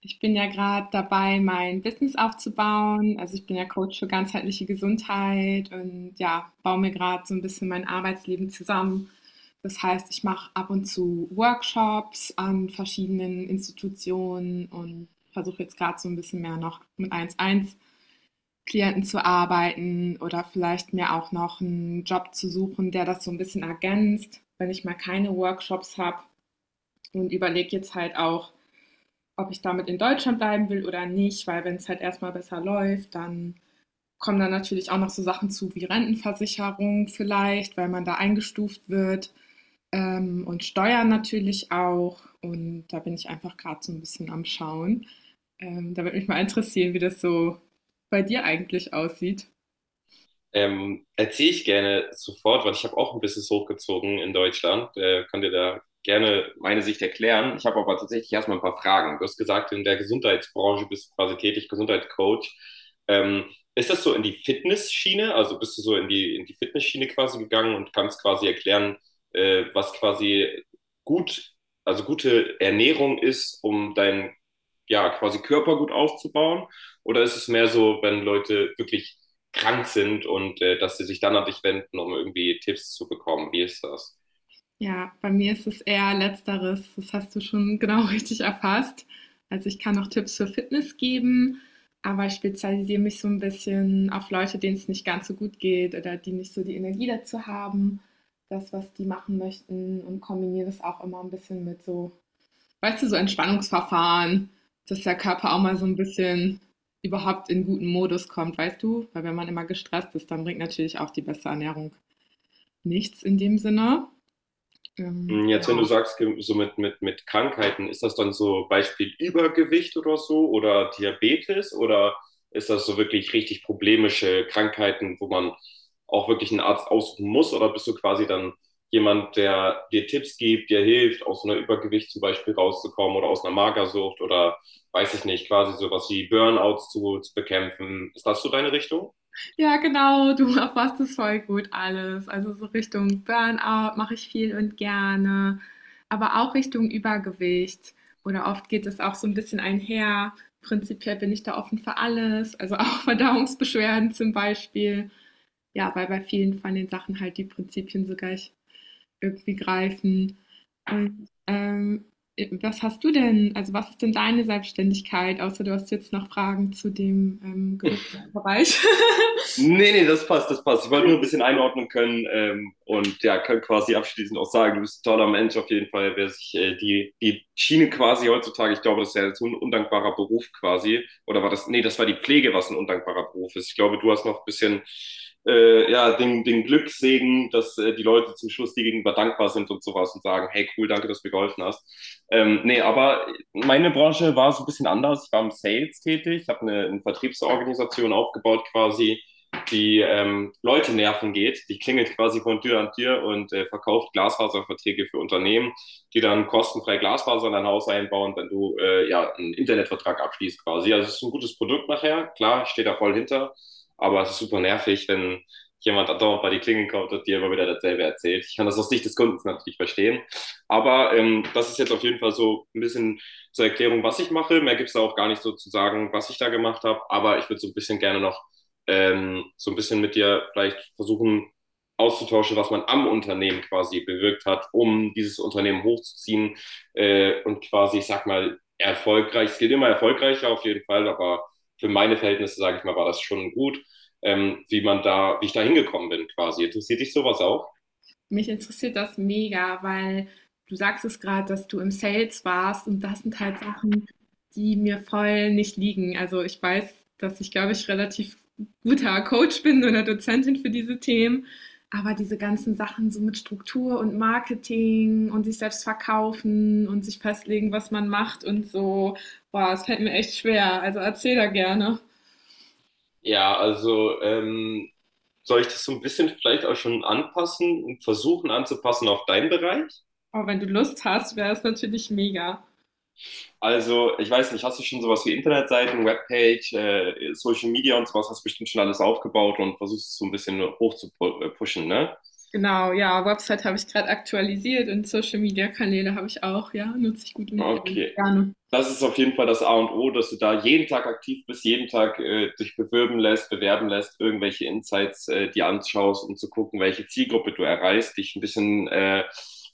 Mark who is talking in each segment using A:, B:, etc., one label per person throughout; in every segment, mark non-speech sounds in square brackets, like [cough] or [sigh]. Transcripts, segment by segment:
A: Ich bin ja gerade dabei, mein Business aufzubauen. Also ich bin ja Coach für ganzheitliche Gesundheit und ja, baue mir gerade so ein bisschen mein Arbeitsleben zusammen. Das heißt, ich mache ab und zu Workshops an verschiedenen Institutionen und versuche jetzt gerade so ein bisschen mehr noch mit 1 eins klienten zu arbeiten oder vielleicht mir auch noch einen Job zu suchen, der das so ein bisschen ergänzt, wenn ich mal keine Workshops habe und überlege jetzt halt auch, ob ich damit in Deutschland bleiben will oder nicht, weil wenn es halt erstmal besser läuft, dann kommen dann natürlich auch noch so Sachen zu wie Rentenversicherung vielleicht, weil man da eingestuft wird und Steuern natürlich auch. Und da bin ich einfach gerade so ein bisschen am Schauen. Da würde mich mal interessieren, wie das so bei dir eigentlich aussieht.
B: Erzähle ich gerne sofort, weil ich habe auch ein Business hochgezogen in Deutschland. Kann dir da gerne meine Sicht erklären. Ich habe aber tatsächlich erstmal ein paar Fragen. Du hast gesagt, in der Gesundheitsbranche bist du quasi tätig, Gesundheitscoach. Ähm, ist das so in die Fitnessschiene? Also bist du so in die Fitnessschiene quasi gegangen und kannst quasi erklären, was quasi gut, also gute Ernährung ist, um deinen ja, quasi Körper gut aufzubauen? Oder ist es mehr so, wenn Leute wirklich krank sind und dass sie sich dann an dich wenden, um irgendwie Tipps zu bekommen. Wie ist das?
A: Ja, bei mir ist es eher letzteres. Das hast du schon genau [laughs] richtig erfasst. Also ich kann auch Tipps für Fitness geben, aber ich spezialisiere mich so ein bisschen auf Leute, denen es nicht ganz so gut geht oder die nicht so die Energie dazu haben, das, was die machen möchten, und kombiniere das auch immer ein bisschen mit so, weißt du, so Entspannungsverfahren, dass der Körper auch mal so ein bisschen überhaupt in guten Modus kommt, weißt du? Weil wenn man immer gestresst ist, dann bringt natürlich auch die beste Ernährung nichts in dem Sinne. Ähm,
B: Hm. Jetzt, wenn du sagst, so mit, mit Krankheiten, ist das dann so Beispiel Übergewicht oder so oder Diabetes oder ist das so wirklich richtig problemische Krankheiten, wo man auch wirklich einen Arzt aussuchen muss oder bist du quasi dann jemand, der dir Tipps gibt, dir hilft, aus einer Übergewicht zum Beispiel rauszukommen oder aus einer Magersucht oder weiß ich nicht, quasi sowas wie Burnouts zu bekämpfen? Ist das so deine Richtung?
A: Ja, genau, du [laughs] erfasst es voll gut alles. Also so Richtung Burnout mache ich viel und gerne, aber auch Richtung Übergewicht. Oder oft geht es auch so ein bisschen einher. Prinzipiell bin ich da offen für alles, also auch [laughs] Verdauungsbeschwerden zum Beispiel. Ja, weil bei vielen von den Sachen halt die Prinzipien so gleich irgendwie greifen. Und was hast du denn, also was ist denn deine Selbstständigkeit, außer du hast jetzt noch Fragen zu dem Gesundheitsbereich? [laughs]
B: Nee, nee, das passt, das passt. Ich wollte nur ein bisschen einordnen können, und ja, kann quasi abschließend auch sagen, du bist ein toller Mensch auf jeden Fall, wer sich die, die Schiene quasi heutzutage, ich glaube, das ist ja jetzt so ein undankbarer Beruf quasi, oder war das, nee, das war die Pflege, was ein undankbarer Beruf ist. Ich glaube, du hast noch ein bisschen ja, den, den Glückssegen, dass die Leute zum Schluss dir gegenüber dankbar sind und sowas und sagen, hey, cool, danke, dass du mir geholfen hast. Nee, aber meine Branche war so ein bisschen anders. Ich war im Sales tätig, ich habe eine Vertriebsorganisation aufgebaut quasi, die Leute nerven geht. Die klingelt quasi von Tür an Tür und verkauft Glasfaserverträge für Unternehmen, die dann kostenfrei Glasfaser in dein Haus einbauen, wenn du ja einen Internetvertrag abschließt quasi. Also es ist ein gutes Produkt nachher, klar, ich stehe da voll hinter, aber es ist super nervig, wenn jemand andauernd bei die Klingel kommt und dir immer wieder dasselbe erzählt. Ich kann das aus Sicht des Kundens natürlich verstehen. Aber das ist jetzt auf jeden Fall so ein bisschen zur Erklärung, was ich mache. Mehr gibt es da auch gar nicht so zu sagen, was ich da gemacht habe. Aber ich würde so ein bisschen gerne noch, so ein bisschen mit dir vielleicht versuchen auszutauschen, was man am Unternehmen quasi bewirkt hat, um dieses Unternehmen hochzuziehen, und quasi, ich sag mal, erfolgreich. Es geht immer erfolgreicher auf jeden Fall, aber für meine Verhältnisse, sage ich mal, war das schon gut, wie man da, wie ich da hingekommen bin quasi. Interessiert dich sowas auch?
A: Mich interessiert das mega, weil du sagst es gerade, dass du im Sales warst und das sind halt Sachen, die mir voll nicht liegen. Also, ich weiß, dass ich, glaube ich, relativ guter Coach bin oder Dozentin für diese Themen, aber diese ganzen Sachen so mit Struktur und Marketing und sich selbst verkaufen und sich festlegen, was man macht und so, boah, es fällt mir echt schwer. Also, erzähl da gerne.
B: Ja, also, soll ich das so ein bisschen vielleicht auch schon anpassen und versuchen anzupassen auf deinen Bereich?
A: Aber wenn du Lust hast, wäre es natürlich mega.
B: Also, ich weiß nicht, hast du schon sowas wie Internetseiten, Webpage, Social Media und sowas, hast du bestimmt schon alles aufgebaut und versuchst es so ein bisschen hoch zu pushen, ne?
A: Genau, ja, Website habe ich gerade aktualisiert und Social Media Kanäle habe ich auch, ja, nutze ich gut und
B: Okay,
A: gerne.
B: das ist auf jeden Fall das A und O, dass du da jeden Tag aktiv bist, jeden Tag dich bewirben lässt, bewerben lässt, irgendwelche Insights dir anschaust, um zu gucken, welche Zielgruppe du erreichst, dich ein bisschen,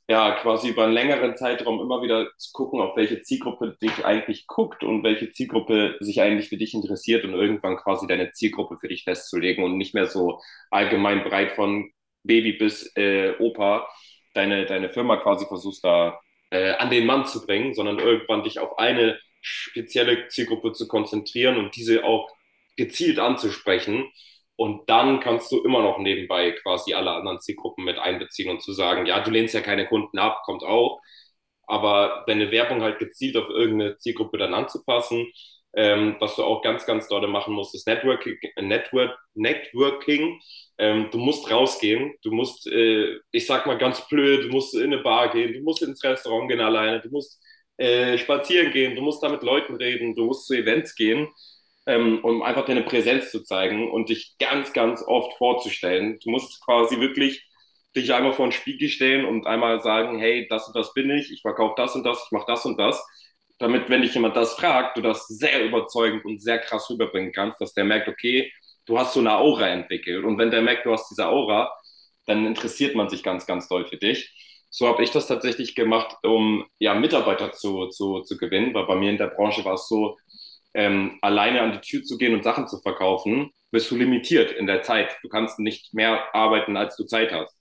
B: ja, quasi über einen längeren Zeitraum immer wieder zu gucken, auf welche Zielgruppe dich eigentlich guckt und welche Zielgruppe sich eigentlich für dich interessiert und irgendwann quasi deine Zielgruppe für dich festzulegen und nicht mehr so allgemein breit von Baby bis Opa deine, deine Firma quasi versuchst da an den Mann zu bringen, sondern irgendwann dich auf eine spezielle Zielgruppe zu konzentrieren und diese auch gezielt anzusprechen. Und dann kannst du immer noch nebenbei quasi alle anderen Zielgruppen mit einbeziehen und zu sagen, ja, du lehnst ja keine Kunden ab, kommt auch, aber deine Werbung halt gezielt auf irgendeine Zielgruppe dann anzupassen. Was du auch ganz, ganz doll machen musst, ist Networking. Network, Networking. Du musst rausgehen, du musst, ich sag mal ganz blöd, du musst in eine Bar gehen, du musst ins Restaurant gehen alleine, du musst spazieren gehen, du musst da mit Leuten reden, du musst zu Events gehen, um einfach deine Präsenz zu zeigen und dich ganz, ganz oft vorzustellen. Du musst quasi wirklich dich einmal vor den Spiegel stellen und einmal sagen, hey, das und das bin ich, ich verkaufe das und das, ich mache das und das. Damit, wenn dich jemand das fragt, du das sehr überzeugend und sehr krass rüberbringen kannst, dass der merkt, okay, du hast so eine Aura entwickelt. Und wenn der merkt, du hast diese Aura, dann interessiert man sich ganz, ganz doll für dich. So habe ich das tatsächlich gemacht, um ja, Mitarbeiter zu gewinnen, weil bei mir in der Branche war es so, alleine an die Tür zu gehen und Sachen zu verkaufen, bist du limitiert in der Zeit. Du kannst nicht mehr arbeiten, als du Zeit hast.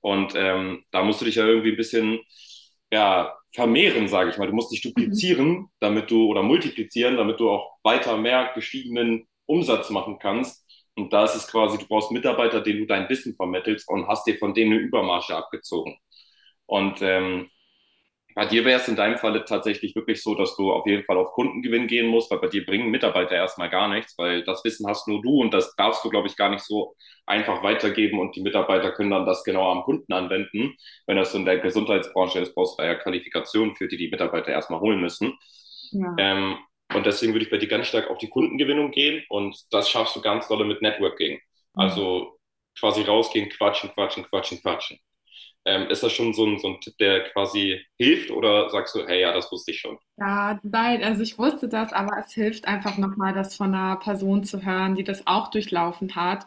B: Und da musst du dich ja irgendwie ein bisschen ja, vermehren, sage ich mal. Du musst dich
A: Mhm.
B: duplizieren, damit du oder multiplizieren, damit du auch weiter mehr gestiegenen Umsatz machen kannst. Und da ist es quasi, du brauchst Mitarbeiter, denen du dein Wissen vermittelst und hast dir von denen eine Übermarge abgezogen. Und bei dir wäre es in deinem Falle tatsächlich wirklich so, dass du auf jeden Fall auf Kundengewinn gehen musst, weil bei dir bringen Mitarbeiter erstmal gar nichts, weil das Wissen hast nur du und das darfst du, glaube ich, gar nicht so einfach weitergeben und die Mitarbeiter können dann das genau am Kunden anwenden. Wenn das so in der Gesundheitsbranche ist, brauchst du da ja Qualifikationen für, die die Mitarbeiter erstmal holen müssen.
A: Ja.
B: Ähm, und deswegen würde ich bei dir ganz stark auf die Kundengewinnung gehen und das schaffst du ganz dolle mit Networking.
A: Mhm.
B: Also quasi rausgehen, quatschen, quatschen, quatschen, quatschen. Ist das schon so ein Tipp, der quasi hilft oder sagst du, hey, ja, das wusste ich schon?
A: Ja, nein, also ich wusste das, aber es hilft einfach nochmal, das von einer Person zu hören, die das auch durchlaufen hat,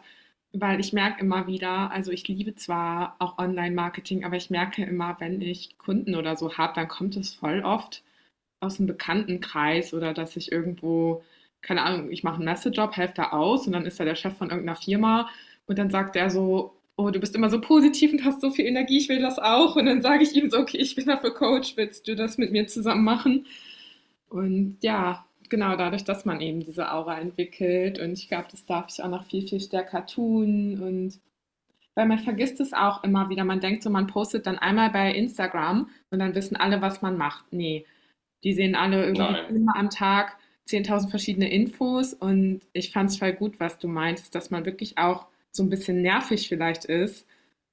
A: weil ich merke immer wieder, also ich liebe zwar auch Online-Marketing, aber ich merke immer, wenn ich Kunden oder so habe, dann kommt es voll oft aus'm Bekanntenkreis oder dass ich irgendwo, keine Ahnung, ich mache 'n Messejob, helfe da aus und dann ist da der Chef von irgendeiner Firma und dann sagt er so: „Oh, du bist immer so positiv und hast so viel Energie, ich will das auch.“ Und dann sage ich ihm so: „Okay, ich bin dafür Coach, willst du das mit mir zusammen machen?“ Und ja, genau, dadurch, dass man eben diese Aura entwickelt, und ich glaube, das darf ich auch noch viel, viel stärker tun, und weil man vergisst es auch immer wieder. Man denkt so, man postet dann einmal bei Instagram und dann wissen alle, was man macht. Nee, die sehen alle irgendwie
B: Nein.
A: 10-mal am Tag 10.000 verschiedene Infos, und ich fand es voll gut, was du meintest, dass man wirklich auch so ein bisschen nervig vielleicht ist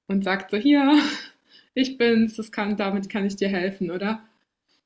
A: und sagt so, hier, [laughs] ich bin's, das kann, damit kann ich dir helfen, oder?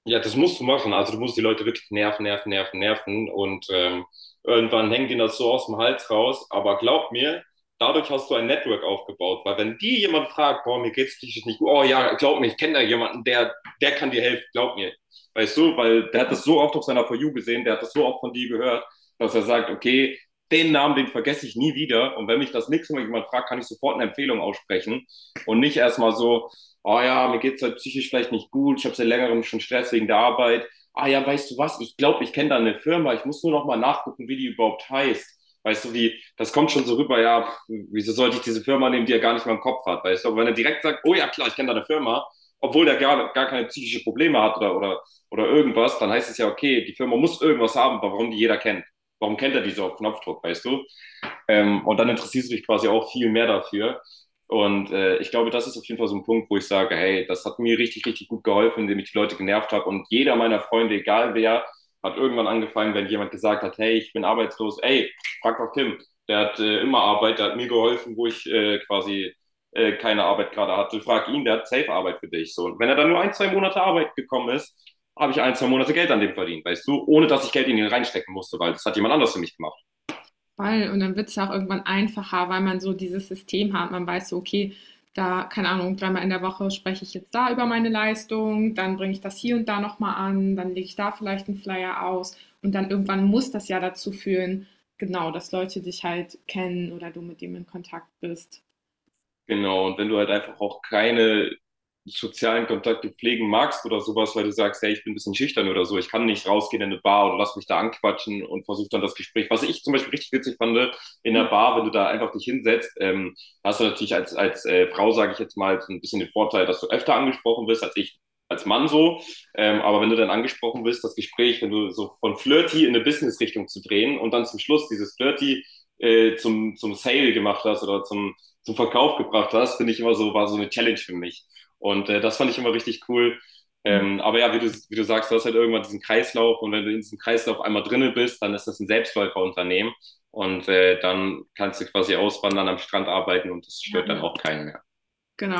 B: Ja, das musst du machen. Also du musst die Leute wirklich nerven, nerven, nerven, nerven. Und irgendwann hängt ihnen das so aus dem Hals raus. Aber glaub mir, dadurch hast du ein Network aufgebaut. Weil wenn die jemand fragt, boah, mir geht's psychisch nicht gut, oh ja, glaub mir, ich kenne da jemanden, der, der kann dir helfen, glaub mir. Weißt du, weil der hat das so oft auf seiner For You gesehen, der hat das so oft von dir gehört, dass er sagt, okay, den Namen, den vergesse ich nie wieder. Und wenn mich das nächste Mal jemand fragt, kann ich sofort eine Empfehlung aussprechen. Und nicht erstmal so, oh ja, mir geht's halt psychisch vielleicht nicht gut, ich habe seit längerem schon Stress wegen der Arbeit. Ah ja, weißt du was, ich glaube, ich kenne da eine Firma, ich muss nur noch mal nachgucken, wie die überhaupt heißt. Weißt du, wie, das kommt schon so rüber, ja, pf, wieso sollte ich diese Firma nehmen, die er gar nicht mal im Kopf hat, weißt du? Aber wenn er direkt sagt, oh ja, klar, ich kenne da eine Firma, obwohl der gar, gar keine psychische Probleme hat oder irgendwas, dann heißt es ja, okay, die Firma muss irgendwas haben, warum die jeder kennt. Warum kennt er die so auf Knopfdruck, weißt du? Und dann interessierst du dich quasi auch viel mehr dafür. Und ich glaube, das ist auf jeden Fall so ein Punkt, wo ich sage, hey, das hat mir richtig, richtig gut geholfen, indem ich die Leute genervt habe. Und jeder meiner Freunde, egal wer, hat irgendwann angefangen, wenn jemand gesagt hat, hey, ich bin arbeitslos, ey, frag doch Tim, der hat immer Arbeit, der hat mir geholfen, wo ich quasi keine Arbeit gerade hatte. Frag ihn, der hat safe Arbeit für dich. So. Und wenn er dann nur ein, zwei Monate Arbeit gekommen ist, habe ich ein, zwei Monate Geld an dem verdient, weißt du, ohne dass ich Geld in ihn reinstecken musste, weil das hat jemand anders für mich gemacht.
A: Voll. Und dann wird's ja auch irgendwann einfacher, weil man so dieses System hat. Man weiß so, okay, da, keine Ahnung, 3-mal in der Woche spreche ich jetzt da über meine Leistung, dann bringe ich das hier und da nochmal an, dann lege ich da vielleicht einen Flyer aus, und dann irgendwann muss das ja dazu führen, genau, dass Leute dich halt kennen oder du mit dem in Kontakt bist.
B: Genau, und wenn du halt einfach auch keine sozialen Kontakte pflegen magst oder sowas, weil du sagst, hey, ich bin ein bisschen schüchtern oder so, ich kann nicht rausgehen in eine Bar oder lass mich da anquatschen und versuch dann das Gespräch. Was ich zum Beispiel richtig witzig fand, in der Bar, wenn du da einfach dich hinsetzt, hast du natürlich als, als Frau, sage ich jetzt mal, so ein bisschen den Vorteil, dass du öfter angesprochen wirst als ich als Mann so. Aber wenn du dann angesprochen wirst, das Gespräch, wenn du so von Flirty in eine Business-Richtung zu drehen und dann zum Schluss dieses Flirty zum Sale gemacht hast oder zum zum Verkauf gebracht hast, finde ich immer so, war so eine Challenge für mich. Und das fand ich immer richtig cool.
A: Hm.
B: Aber ja, wie du sagst, du hast halt irgendwann diesen Kreislauf und wenn du in diesem Kreislauf einmal drinne bist, dann ist das ein Selbstläuferunternehmen und dann kannst du quasi auswandern, am Strand arbeiten und das
A: Ja,
B: stört dann
A: ja.
B: auch keinen mehr.
A: Genau.